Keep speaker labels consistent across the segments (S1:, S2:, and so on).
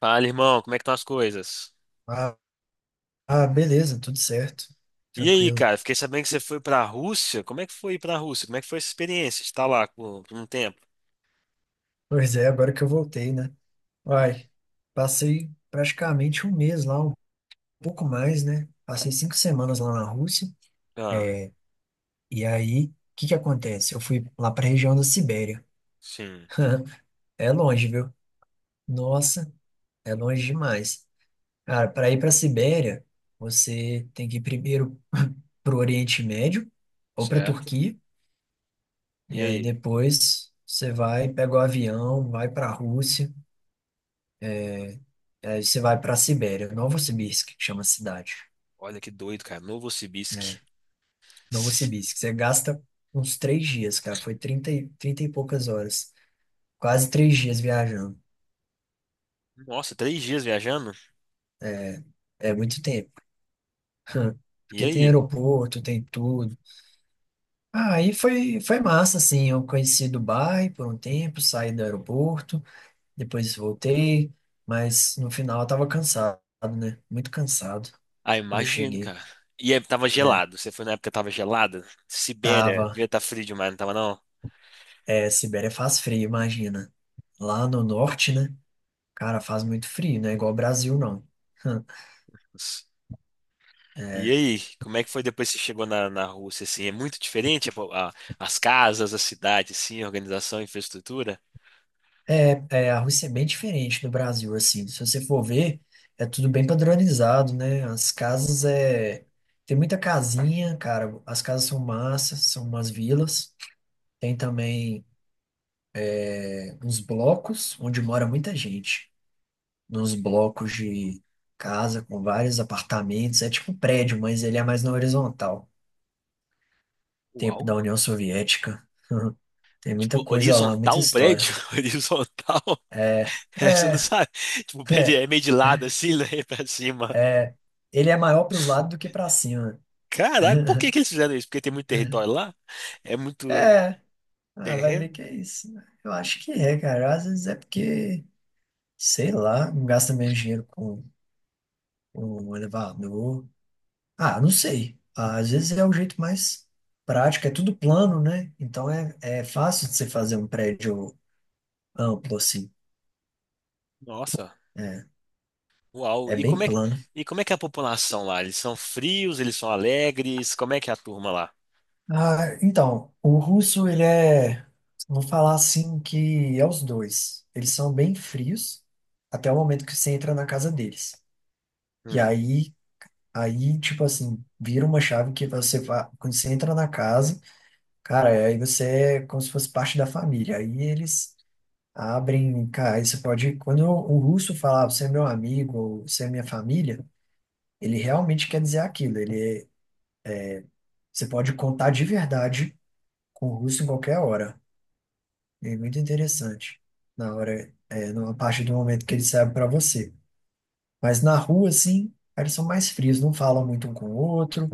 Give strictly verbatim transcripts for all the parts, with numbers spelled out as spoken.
S1: Fala, irmão, como é que estão as coisas?
S2: Ah, ah, beleza, tudo certo.
S1: E aí,
S2: Tranquilo.
S1: cara, fiquei sabendo que você foi pra Rússia. Como é que foi ir pra Rússia? Como é que foi essa experiência de estar lá por por um tempo?
S2: Pois é, agora que eu voltei, né? Uai, passei praticamente um mês lá, um pouco mais, né? Passei cinco semanas lá na Rússia.
S1: Ah,
S2: E aí, o que que acontece? Eu fui lá pra região da Sibéria.
S1: sim,
S2: É longe, viu? Nossa, é longe demais. Cara, para ir pra Sibéria, você tem que ir primeiro pro Oriente Médio ou pra
S1: certo.
S2: Turquia.
S1: E
S2: E aí
S1: aí?
S2: depois você vai, pega o avião, vai pra Rússia. Aí você vai para a Sibéria, Novosibirsk, que chama a cidade.
S1: Olha que doido, cara. Novosibirsk.
S2: Novosibirsk. Você gasta uns três dias, cara. Foi trinta, e, trinta e poucas horas. Quase três dias viajando.
S1: Nossa, três dias viajando?
S2: É é muito tempo.
S1: E
S2: Porque tem
S1: aí?
S2: aeroporto, tem tudo. Ah, aí foi, foi massa, assim. Eu conheci Dubai por um tempo, saí do aeroporto, depois voltei, mas no final eu tava cansado, né? Muito cansado
S1: Ah,
S2: quando eu
S1: imagino,
S2: cheguei.
S1: cara. E aí, tava
S2: É,
S1: gelado. Você foi na época que tava gelada? Sibéria,
S2: tava.
S1: devia estar frio demais, não tava não?
S2: É, Sibéria faz frio, imagina. Lá no norte, né? Cara, faz muito frio, não é igual ao Brasil, não.
S1: E
S2: É,
S1: aí, como é que foi depois que você chegou na, na Rússia, assim? É muito diferente a- a- as casas, a cidade, assim, a organização, a infraestrutura?
S2: é, é, a Rússia é bem diferente do Brasil, assim. Se você for ver, é tudo bem padronizado, né? As casas é. Tem muita casinha, cara. As casas são massas, são umas vilas. Tem também é, uns blocos onde mora muita gente. Nos blocos de casa com vários apartamentos. É tipo um prédio, mas ele é mais na horizontal. Tempo
S1: Uau!
S2: da União Soviética. Tem muita
S1: Tipo,
S2: coisa lá, muita
S1: horizontal o
S2: história.
S1: prédio? Horizontal?
S2: É,
S1: Essa eu
S2: é.
S1: não sabe. Tipo, o prédio
S2: É,
S1: é meio de lado, assim, né? Pra cima.
S2: é, ele é maior para os lados do que para cima.
S1: Caraca, por que que eles fizeram isso? Porque tem muito território lá? É muito
S2: É, ah, vai ver
S1: terreno?
S2: que é isso. Eu acho que é, cara. Às vezes é porque, sei lá, não gasta menos dinheiro com, com um elevador. Ah, não sei. Às vezes é o jeito mais prático, é tudo plano, né? Então é, é fácil de você fazer um prédio amplo assim.
S1: Nossa,
S2: É,
S1: uau!
S2: é
S1: E como
S2: bem
S1: é que,
S2: plano.
S1: e como é que é a população lá? Eles são frios? Eles são alegres? Como é que é a turma lá?
S2: Ah, então, o russo, ele é, vou falar assim, que é os dois. Eles são bem frios até o momento que você entra na casa deles. E
S1: Uhum.
S2: aí, aí, tipo assim, vira uma chave que você, fa- quando você entra na casa, cara, aí você é como se fosse parte da família. Aí eles abrem, cara, aí você pode, quando o russo falar, "Ah, você é meu amigo, ou você é minha família, ele realmente quer dizer aquilo. Ele, é- você pode contar de verdade com o russo em qualquer hora. É muito interessante. Na hora, é, na parte do momento que eles servem para você. Mas na rua, assim, eles são mais frios, não falam muito um com o outro,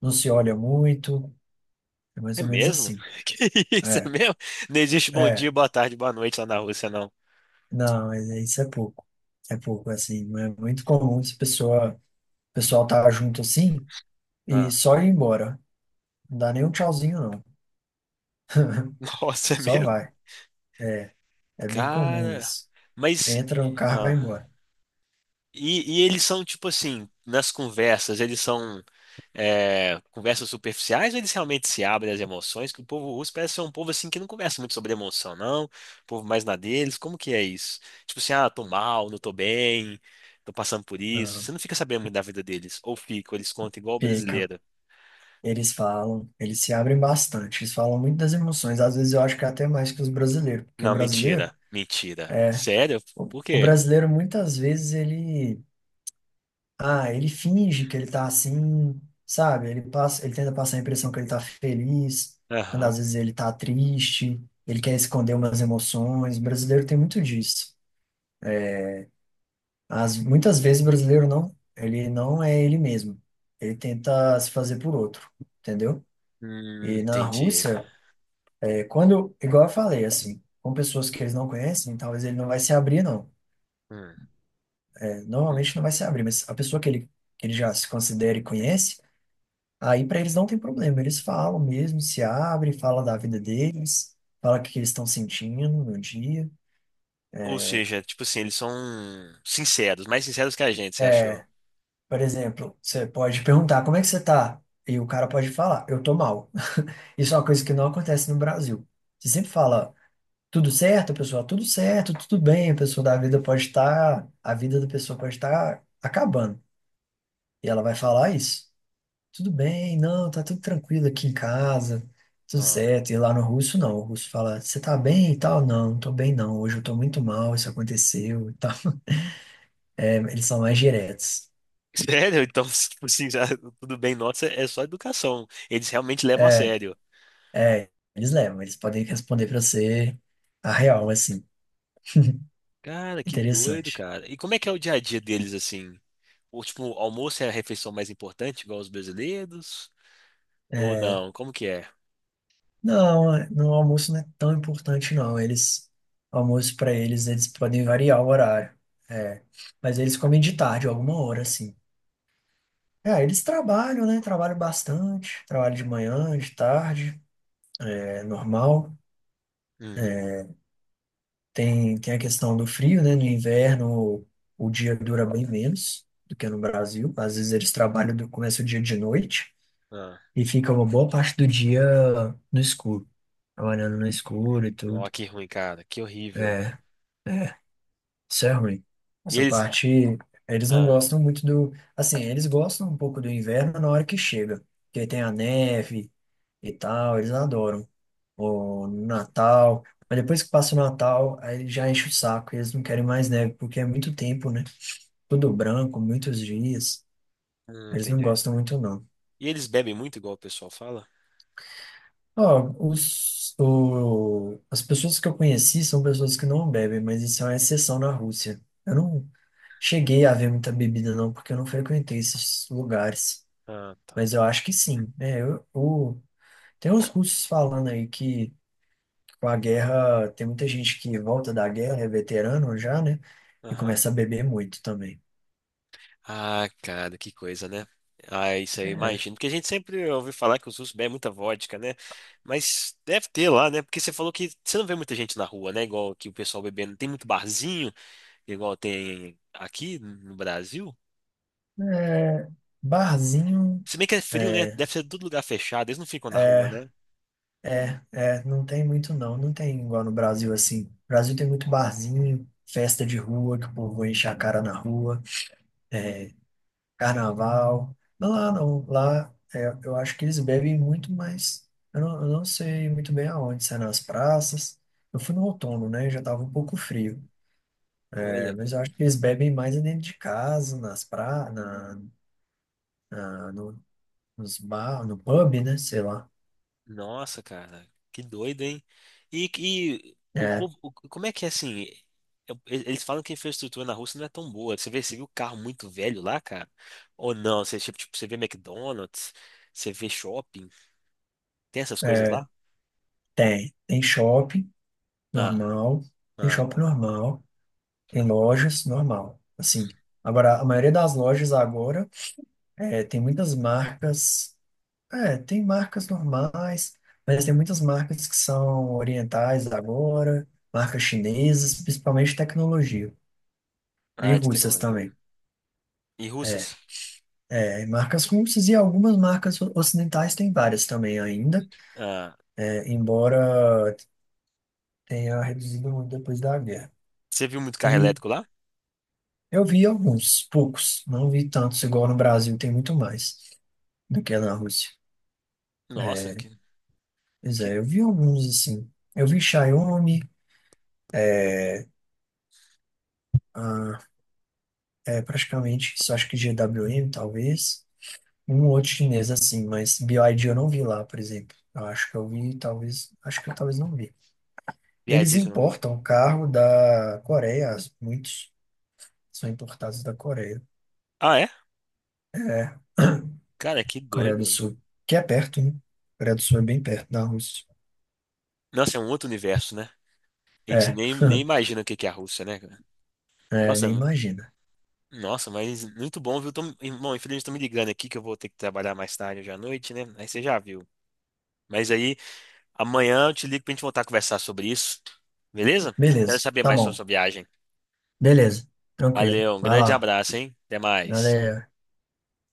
S2: não se olham muito. É mais
S1: É
S2: ou menos
S1: mesmo?
S2: assim.
S1: Que isso, é
S2: É,
S1: mesmo? Não existe bom
S2: é.
S1: dia, boa tarde, boa noite lá na Rússia, não.
S2: Não, mas é- isso é pouco. É pouco, assim. Não é muito comum se pessoa, o pessoal tá junto assim e
S1: Ah.
S2: só ir embora. Não dá nem um tchauzinho, não.
S1: Nossa, é
S2: Só
S1: mesmo?
S2: vai. É bem comum
S1: Cara,
S2: isso.
S1: mas.
S2: Entra no carro e vai
S1: Ah.
S2: embora.
S1: E, e eles são tipo assim, nas conversas, eles são. É, conversas superficiais ou eles realmente se abrem às emoções? Que o povo russo parece ser um povo assim que não conversa muito sobre emoção, não. O povo mais na deles. Como que é isso? Tipo assim, ah, tô mal, não tô bem, tô passando por isso.
S2: Não,
S1: Você não fica sabendo muito da vida deles. Ou fica, ou eles contam igual o
S2: pica.
S1: brasileiro.
S2: Eles falam, eles se abrem bastante, eles falam muito das emoções. Às vezes eu acho que é até mais que os brasileiros, porque o
S1: Não,
S2: brasileiro
S1: mentira, mentira.
S2: é
S1: Sério?
S2: o,
S1: Por
S2: o
S1: quê?
S2: brasileiro muitas vezes ele ah, ele finge que ele tá assim, sabe? Ele passa, ele tenta passar a impressão que ele tá feliz, quando
S1: Aham.
S2: às vezes ele tá triste, ele quer esconder umas emoções. O brasileiro tem muito disso. As, muitas vezes o brasileiro não, ele não é ele mesmo. Ele tenta se fazer por outro, entendeu?
S1: Hum,
S2: E na
S1: entendi.
S2: Rússia, quando, igual eu falei, assim, com pessoas que eles não conhecem, talvez ele não vai se abrir, não.
S1: Hum.
S2: É, normalmente não vai se abrir, mas a pessoa que ele, que ele já se considera e conhece, aí para eles não tem problema. Eles falam mesmo, se abrem, fala da vida deles, fala o que que eles estão sentindo no dia.
S1: Ou seja, tipo assim, eles são sinceros, mais sinceros que a gente, você
S2: É,
S1: achou?
S2: por exemplo, você pode perguntar como é que você tá? E o cara pode falar, eu tô mal. Isso é uma coisa que não acontece no Brasil. Você sempre fala, tudo certo, pessoal, tudo certo, tudo bem, a pessoa da vida pode estar, a vida da pessoa pode estar acabando. E ela vai falar "Ah, isso. Tudo bem, não, tá tudo tranquilo aqui em casa, tudo
S1: Ah.
S2: certo. E lá no russo, não. O russo fala, você tá bem e tal? Não, não tô bem não. Hoje eu tô muito mal, isso aconteceu e tal. É, eles são mais diretos.
S1: Sério? Então, tipo assim, já- tudo bem, nossa, é só educação. Eles realmente levam a
S2: É,
S1: sério.
S2: é, eles levam, eles podem responder pra você a real, assim.
S1: Cara, que doido,
S2: Interessante.
S1: cara. E como é que é o dia a dia deles, assim? Ou, tipo, o almoço é a refeição mais importante, igual os brasileiros? Ou
S2: É,
S1: não? Como que é?
S2: não, no almoço não é tão importante, não. Eles, almoço pra eles, eles podem variar o horário. É, mas eles comem de tarde, alguma hora, assim. É, eles trabalham, né? Trabalham bastante, trabalham de manhã, de tarde, é normal.
S1: Hum,
S2: Tem, tem a questão do frio, né? No inverno, o, o dia dura bem menos do que no Brasil. Às vezes eles trabalham, do, começa o dia de noite
S1: ah,
S2: e fica uma boa parte do dia no escuro, trabalhando no escuro e
S1: ó,
S2: tudo.
S1: que ruim, cara. Que horrível.
S2: É, é, isso é ruim.
S1: E
S2: Essa
S1: eles...
S2: parte, eles não
S1: Ah,
S2: gostam muito do. Assim, eles gostam um pouco do inverno na hora que chega, porque aí tem a neve e tal, eles adoram, ou no Natal. Mas depois que passa o Natal, aí já enche o saco e eles não querem mais neve, porque é muito tempo, né? Tudo branco, muitos dias.
S1: hum,
S2: Eles não
S1: entendi.
S2: gostam muito, não.
S1: E eles bebem muito, igual o pessoal fala?
S2: Ó, os, o, as pessoas que eu conheci são pessoas que não bebem, mas isso é uma exceção na Rússia. Eu não cheguei a ver muita bebida, não, porque eu não frequentei esses lugares.
S1: Ah, tá.
S2: Mas eu acho que sim, né. Eu, o- tem uns russos falando aí que, com a guerra, tem muita gente que volta da guerra, é veterano já, né? E
S1: Aham.
S2: começa a beber muito também.
S1: Ah, cara, que coisa, né? Ah, isso aí eu
S2: É,
S1: imagino. Porque a gente sempre ouve falar que os russos bebem muita vodka, né? Mas deve ter lá, né? Porque você falou que você não vê muita gente na rua, né? Igual que o pessoal bebendo. Tem muito barzinho, igual tem aqui no Brasil.
S2: é, barzinho,
S1: Se bem que é frio, né?
S2: é,
S1: Deve ser todo lugar fechado. Eles não ficam na rua,
S2: é,
S1: né?
S2: é, é, não tem muito não. Não tem igual no Brasil assim. No Brasil tem muito barzinho, festa de rua, que o povo enche a cara na rua, é, carnaval. Mas lá não, lá é, eu acho que eles bebem muito mais. Eu não, eu não sei muito bem aonde, se é nas praças. Eu fui no outono, né? Já tava um pouco frio. É,
S1: Olha,
S2: mas
S1: cara.
S2: eu acho que eles bebem mais é dentro de casa, nas pra, na, na- no, nos bar, no pub, né? Sei lá.
S1: Nossa, cara, que doido, hein? E, e o,
S2: É,
S1: povo- o- como é que é assim? eu- e- Eles falam que a infraestrutura na Rússia não é tão boa. Você vê, você viu carro muito velho lá, cara? Ou não? Você, tipo, tipo, você vê McDonald's, você vê shopping, tem essas coisas
S2: é,
S1: lá?
S2: tem. Tem shopping
S1: Ah,
S2: normal, tem
S1: ah,
S2: shopping normal, tem lojas normal. Assim, agora, a maioria das lojas agora é, tem muitas marcas. É, tem marcas normais, mas tem muitas marcas que são orientais agora, marcas chinesas, principalmente tecnologia, e
S1: ah, de
S2: russas
S1: tecnologia.
S2: também.
S1: E
S2: É,
S1: russas?
S2: é, marcas russas e algumas marcas o- ocidentais têm várias também ainda,
S1: Ah,
S2: é, embora tenha reduzido muito depois da guerra.
S1: você viu muito carro
S2: E
S1: elétrico lá?
S2: eu vi alguns, poucos, não vi tantos, igual no Brasil tem muito mais do que na Rússia.
S1: Nossa,
S2: É,
S1: que,
S2: pois
S1: que
S2: é, eu vi alguns assim. Eu vi Xiaomi, é, ah, é, praticamente, só acho que G W M, talvez. Um outro chinês assim, mas B Y D eu não vi lá, por exemplo. Eu acho que eu vi, talvez, acho que eu talvez não vi. Eles
S1: viadíssimo, viu?
S2: importam carro da Coreia, muitos são importados da Coreia.
S1: Ah, é?
S2: É,
S1: Cara, que
S2: Coreia do
S1: doido.
S2: Sul, que é perto, né? Coreia do Sul é bem perto da Rússia.
S1: Nossa, é um outro universo, né? A gente
S2: É,
S1: nem, nem imagina o que que é a Rússia, né, cara?
S2: é,
S1: Nossa,
S2: nem imagina.
S1: Nossa, mas muito bom, viu? Tô- Bom, infelizmente estão me ligando aqui que eu vou ter que trabalhar mais tarde hoje à noite, né? Aí você já viu. Mas aí amanhã eu te ligo pra gente voltar a conversar sobre isso, beleza? Quero
S2: Beleza,
S1: saber
S2: tá
S1: mais sobre
S2: bom.
S1: sua viagem.
S2: Beleza, tranquilo.
S1: Valeu, um
S2: Vai
S1: grande
S2: lá.
S1: abraço, hein? Até mais.
S2: Valeu.